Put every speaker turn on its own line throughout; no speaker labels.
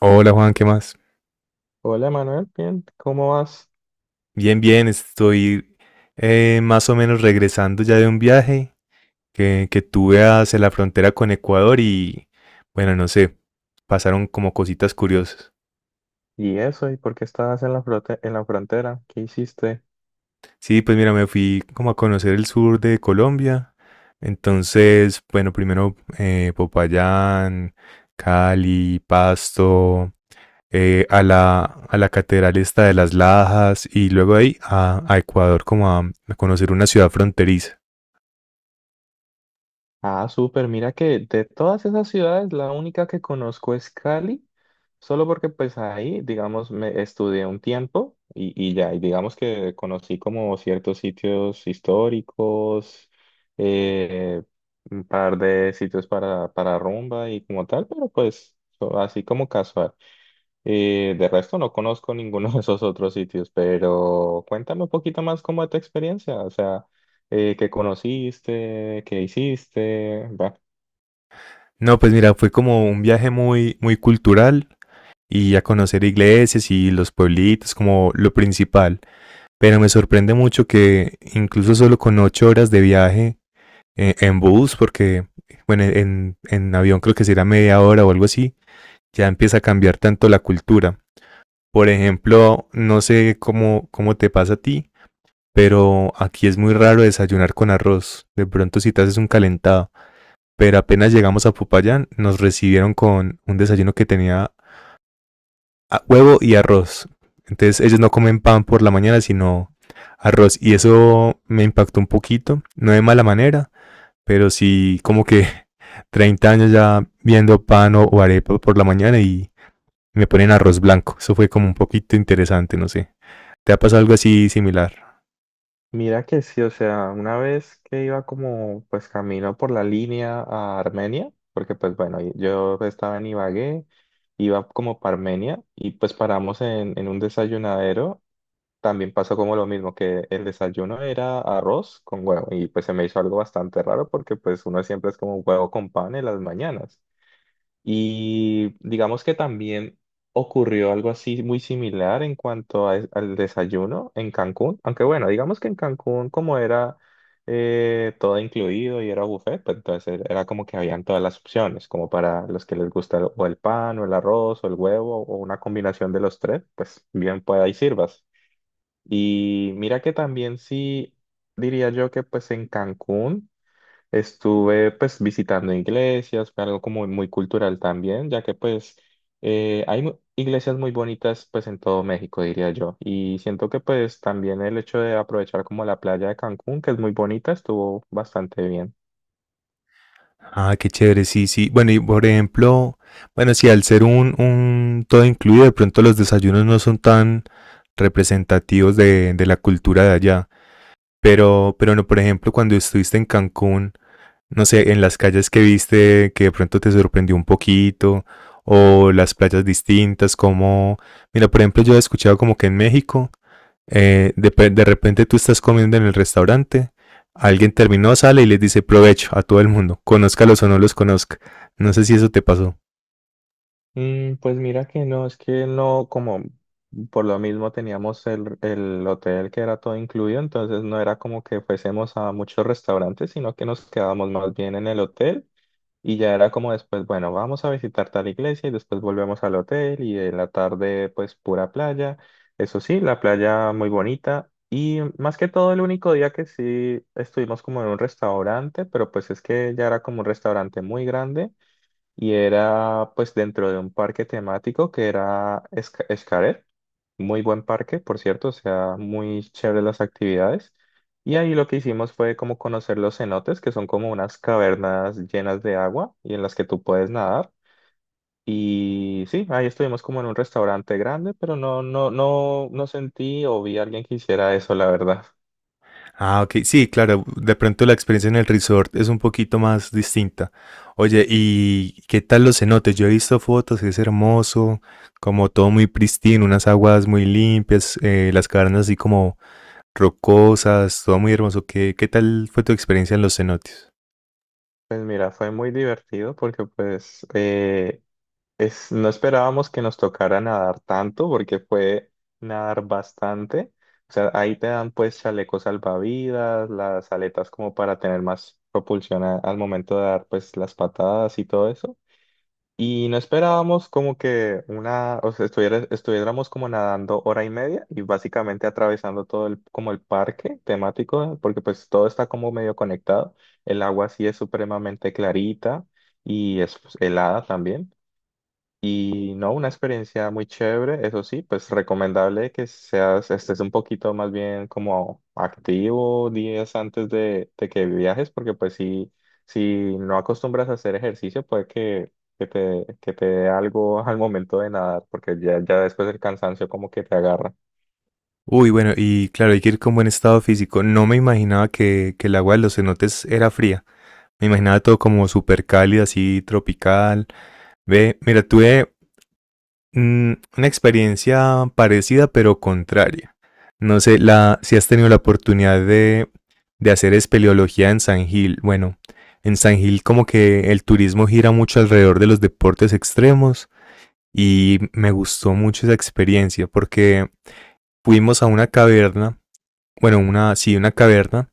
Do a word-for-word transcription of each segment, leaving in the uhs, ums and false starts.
Hola Juan, ¿qué más?
Hola Manuel, bien, ¿cómo vas?
Bien, bien, estoy eh, más o menos regresando ya de un viaje que, que tuve hacia la frontera con Ecuador y bueno, no sé, pasaron como cositas curiosas.
¿Y eso? ¿Y por qué estabas en la frote- en la frontera? ¿Qué hiciste?
Sí, pues mira, me fui como a conocer el sur de Colombia. Entonces, bueno, primero eh, Popayán, Cali, Pasto, eh, a la, a la catedral esta de las Lajas y luego ahí a, a Ecuador como a a conocer una ciudad fronteriza.
Ah, súper, mira que de todas esas ciudades la única que conozco es Cali, solo porque pues ahí, digamos, me estudié un tiempo y, y ya, y digamos que conocí como ciertos sitios históricos, eh, un par de sitios para, para rumba y como tal, pero pues so- así como casual. Y de resto no conozco ninguno de esos otros sitios, pero cuéntame un poquito más cómo es tu experiencia, o sea, eh, qué conociste, qué hiciste, va.
No, pues mira, fue como un viaje muy, muy cultural y a conocer iglesias y los pueblitos como lo principal. Pero me sorprende mucho que incluso solo con ocho horas de viaje eh, en bus, porque bueno, en, en avión creo que será media hora o algo así, ya empieza a cambiar tanto la cultura. Por ejemplo, no sé cómo, cómo te pasa a ti, pero aquí es muy raro desayunar con arroz. De pronto si te haces un calentado pero apenas llegamos a Popayán nos recibieron con un desayuno que tenía huevo y arroz. Entonces ellos no comen pan por la mañana, sino arroz. Y eso me impactó un poquito, no de mala manera, pero sí como que treinta años ya viendo pan o, o arepa por la mañana y me ponen arroz blanco. Eso fue como un poquito interesante, no sé. ¿Te ha pasado algo así similar?
Mira que sí, o sea, una vez que iba como pues camino por la línea a Armenia, porque pues bueno, y- yo estaba en Ibagué, iba como para Armenia y pues paramos en, en un desayunadero, también pasó como lo mismo, que el desayuno era arroz con huevo y pues se me hizo algo bastante raro porque pues uno siempre es como huevo con pan en las mañanas. Y digamos que también ocurrió algo así muy similar en cuanto a- al desayuno en Cancún, aunque bueno, digamos que en Cancún como era, eh, todo incluido y era buffet, pues entonces era era como que habían todas las opciones, como para los que les gusta o el pan o el arroz o el huevo o una combinación de los tres, pues bien pueda y sirvas. Y mira que también, sí, diría yo que pues en Cancún estuve pues visitando iglesias, fue algo como muy cultural también, ya que pues, eh, hay mu- iglesias muy bonitas pues en todo México, diría yo. Y siento que pues también el hecho de aprovechar como la playa de Cancún, que es muy bonita, estuvo bastante bien.
Ah, qué chévere, sí, sí. Bueno, y por ejemplo, bueno, si al ser un, un todo incluido, de pronto los desayunos no son tan representativos de, de la cultura de allá. Pero, pero no, por ejemplo, cuando estuviste en Cancún, no sé, en las calles que viste, que de pronto te sorprendió un poquito, o las playas distintas, como, mira, por ejemplo, yo he escuchado como que en México eh, de, de repente tú estás comiendo en el restaurante, alguien terminó, sale y les dice provecho a todo el mundo, conózcalos o no los conozca. No sé si eso te pasó.
Mm, pues mira que no, es que no, como por lo mismo teníamos el, el hotel que era todo incluido, entonces no era como que fuésemos a muchos restaurantes, sino que nos quedábamos más bien en el hotel, y ya era como, después, bueno, vamos a visitar tal iglesia y después volvemos al hotel y en la tarde pues pura playa. Eso sí, la playa muy bonita, y más que todo el único día que sí estuvimos como en un restaurante, pero pues es que ya era como un restaurante muy grande y era pues dentro de un parque temático que era Esca- Xcaret, muy buen parque, por cierto, o sea, muy chévere las actividades. Y ahí lo que hicimos fue como conocer los cenotes, que son como unas cavernas llenas de agua y en las que tú puedes nadar. Y sí, ahí estuvimos como en un restaurante grande, pero no, no, no, no sentí o vi a alguien que hiciera eso, la verdad.
Ah, ok, sí, claro, de pronto la experiencia en el resort es un poquito más distinta. Oye, ¿y qué tal los cenotes? Yo he visto fotos, es hermoso, como todo muy pristino, unas aguas muy limpias, eh, las cavernas así como rocosas, todo muy hermoso. ¿Qué, qué tal fue tu experiencia en los cenotes?
Pues mira, fue muy divertido porque pues, eh, Es, no esperábamos que nos tocara nadar tanto, porque fue nadar bastante. O sea, ahí te dan pues chalecos salvavidas, las aletas como para tener más propulsión a- al momento de dar pues las patadas y todo eso. Y no esperábamos como que una, o sea, estuviera- estuviéramos como nadando hora y media y básicamente atravesando todo el, como el parque temático, porque pues todo está como medio conectado. El agua sí es supremamente clarita, y es pues helada también. Y no, una experiencia muy chévere. Eso sí, pues recomendable que seas, estés un poquito más bien como activo días antes de, de que viajes, porque pues si, si, no acostumbras a hacer ejercicio, puede que, que te, que te dé algo al momento de nadar, porque ya, ya después el cansancio como que te agarra.
Uy, bueno, y claro, hay que ir con buen estado físico. No me imaginaba que, que el agua de los cenotes era fría. Me imaginaba todo como súper cálido, así tropical. Ve, mira, tuve mm, una experiencia parecida pero contraria. No sé la, si has tenido la oportunidad de, de hacer espeleología en San Gil. Bueno, en San Gil como que el turismo gira mucho alrededor de los deportes extremos y me gustó mucho esa experiencia porque fuimos a una caverna bueno, una, sí, una caverna.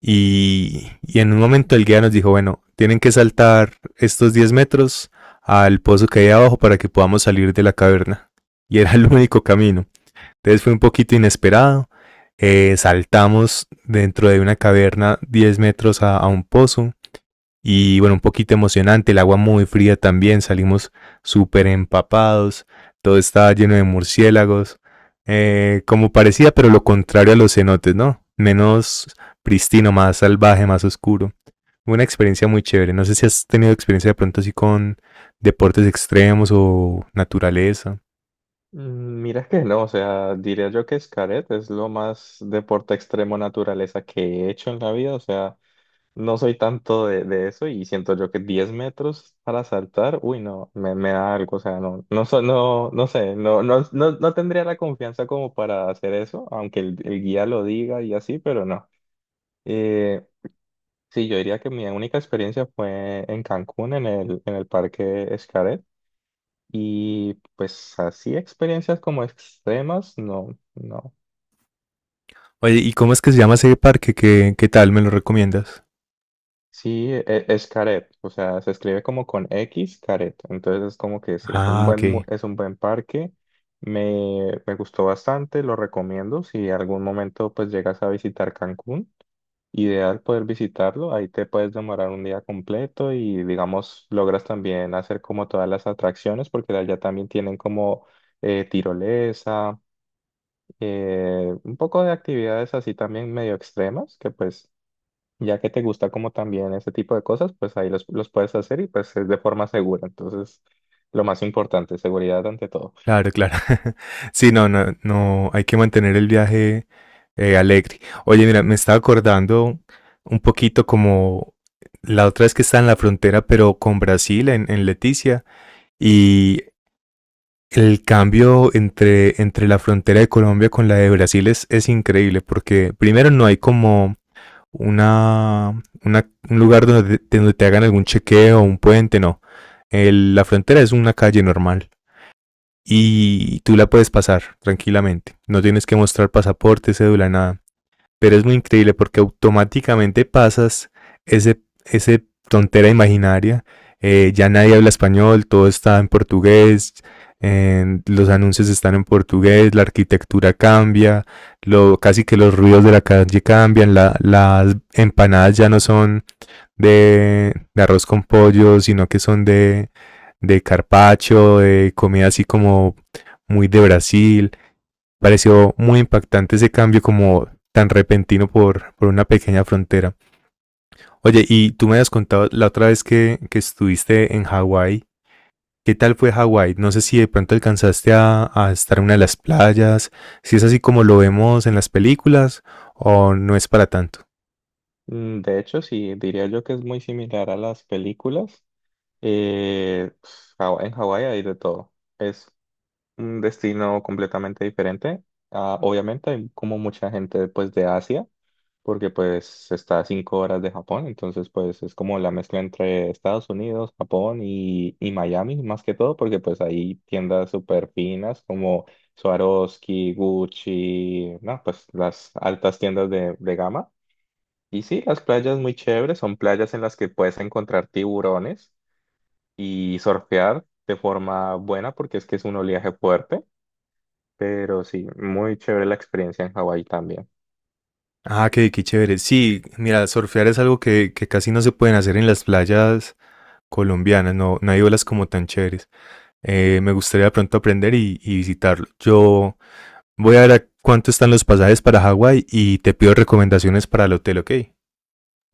Y, y en un momento el guía nos dijo, bueno, tienen que saltar estos diez metros al pozo que hay abajo para que podamos salir de la caverna. Y era el único camino. Entonces fue un poquito inesperado. Eh, saltamos dentro de una caverna diez metros a, a un pozo. Y bueno, un poquito emocionante, el agua muy fría también, salimos súper empapados, todo estaba lleno de murciélagos, eh, como parecía, pero lo contrario a los cenotes, ¿no? Menos pristino, más salvaje, más oscuro. Una experiencia muy chévere. No sé si has tenido experiencia de pronto así con deportes extremos o naturaleza.
Mm, Mira que no, o sea, diría yo que Xcaret es lo más deporte extremo naturaleza que he hecho en la vida, o sea... No soy tanto de, de eso, y siento yo que diez metros para saltar, uy, no, me, me da algo, o sea, no, no, so- no, no sé, no, no, no, no tendría la confianza como para hacer eso, aunque el, el guía lo diga y así, pero no. Eh, sí, yo diría que mi única experiencia fue en Cancún, en el, en el Parque Xcaret, y pues así experiencias como extremas, no, no.
Oye, ¿y cómo es que se llama ese parque? ¿Qué, qué tal? ¿Me lo recomiendas?
Sí, e- es, Caret, o sea, se escribe como con X, Caret. Entonces es como que sí, es un
Ah,
buen,
ok.
mu- es un buen parque. Me, me gustó bastante, lo recomiendo. Si algún momento pues llegas a visitar Cancún, ideal poder visitarlo. Ahí te puedes demorar un día completo, y digamos logras también hacer como todas las atracciones, porque allá también tienen como, eh, tirolesa, eh, un poco de actividades así también medio extremas, que pues ya que te gusta como también ese tipo de cosas, pues ahí los, los puedes hacer y pues es de forma segura. Entonces, lo más importante, seguridad ante todo.
Claro, claro. Sí, no, no, no, hay que mantener el viaje eh, alegre. Oye, mira, me estaba acordando un poquito como la otra vez que estaba en la frontera, pero con Brasil, en, en Leticia, y el cambio entre, entre la frontera de Colombia con la de Brasil es, es increíble, porque primero no hay como una, una- un lugar donde, te donde te hagan algún chequeo, o un puente, no. El- la frontera es una calle normal y tú la puedes pasar tranquilamente. No tienes que mostrar pasaporte, cédula, nada. Pero es muy increíble porque automáticamente pasas ese, ese tontera imaginaria. Eh, ya nadie habla español, todo está en portugués, eh, los anuncios están en portugués, la arquitectura cambia, lo, casi que los ruidos de la calle cambian, la, las empanadas ya no son de, de arroz con pollo, sino que son de, de carpacho, de comida así como muy de Brasil. Pareció muy impactante ese cambio como tan repentino por, por una pequeña frontera. Oye, y tú me habías contado la otra vez que, que estuviste en Hawái. ¿Qué tal fue Hawái? No sé si de pronto alcanzaste a, a estar en una de las playas, si es así como lo vemos en las películas o no es para tanto.
Mm, De hecho, sí, diría yo que es muy similar a las películas. Eh, Haw- en Hawái hay de todo. Es un destino completamente diferente. Ah, obviamente hay como mucha gente pues de Asia. Porque pues está a cinco horas de Japón, entonces pues es como la mezcla entre Estados Unidos, Japón y, y Miami, más que todo, porque pues hay tiendas súper finas como Swarovski, Gucci, no, pues las altas tiendas de, de gama. Y sí, las playas muy chéveres, son playas en las que puedes encontrar tiburones y surfear de forma buena, porque es que es un oleaje fuerte, pero sí, muy chévere la experiencia en Hawái también.
Ah, qué, qué chévere. Sí, mira, surfear es algo que, que casi no se pueden hacer en las playas colombianas, no, no hay olas como tan chéveres. Eh, me gustaría de pronto aprender y, y visitarlo. Yo voy a ver a cuánto están los pasajes para Hawái y te pido recomendaciones para el hotel, ¿ok?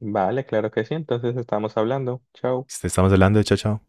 Vale, claro que sí, entonces estamos hablando. Chao.
Estamos hablando de chao, chao.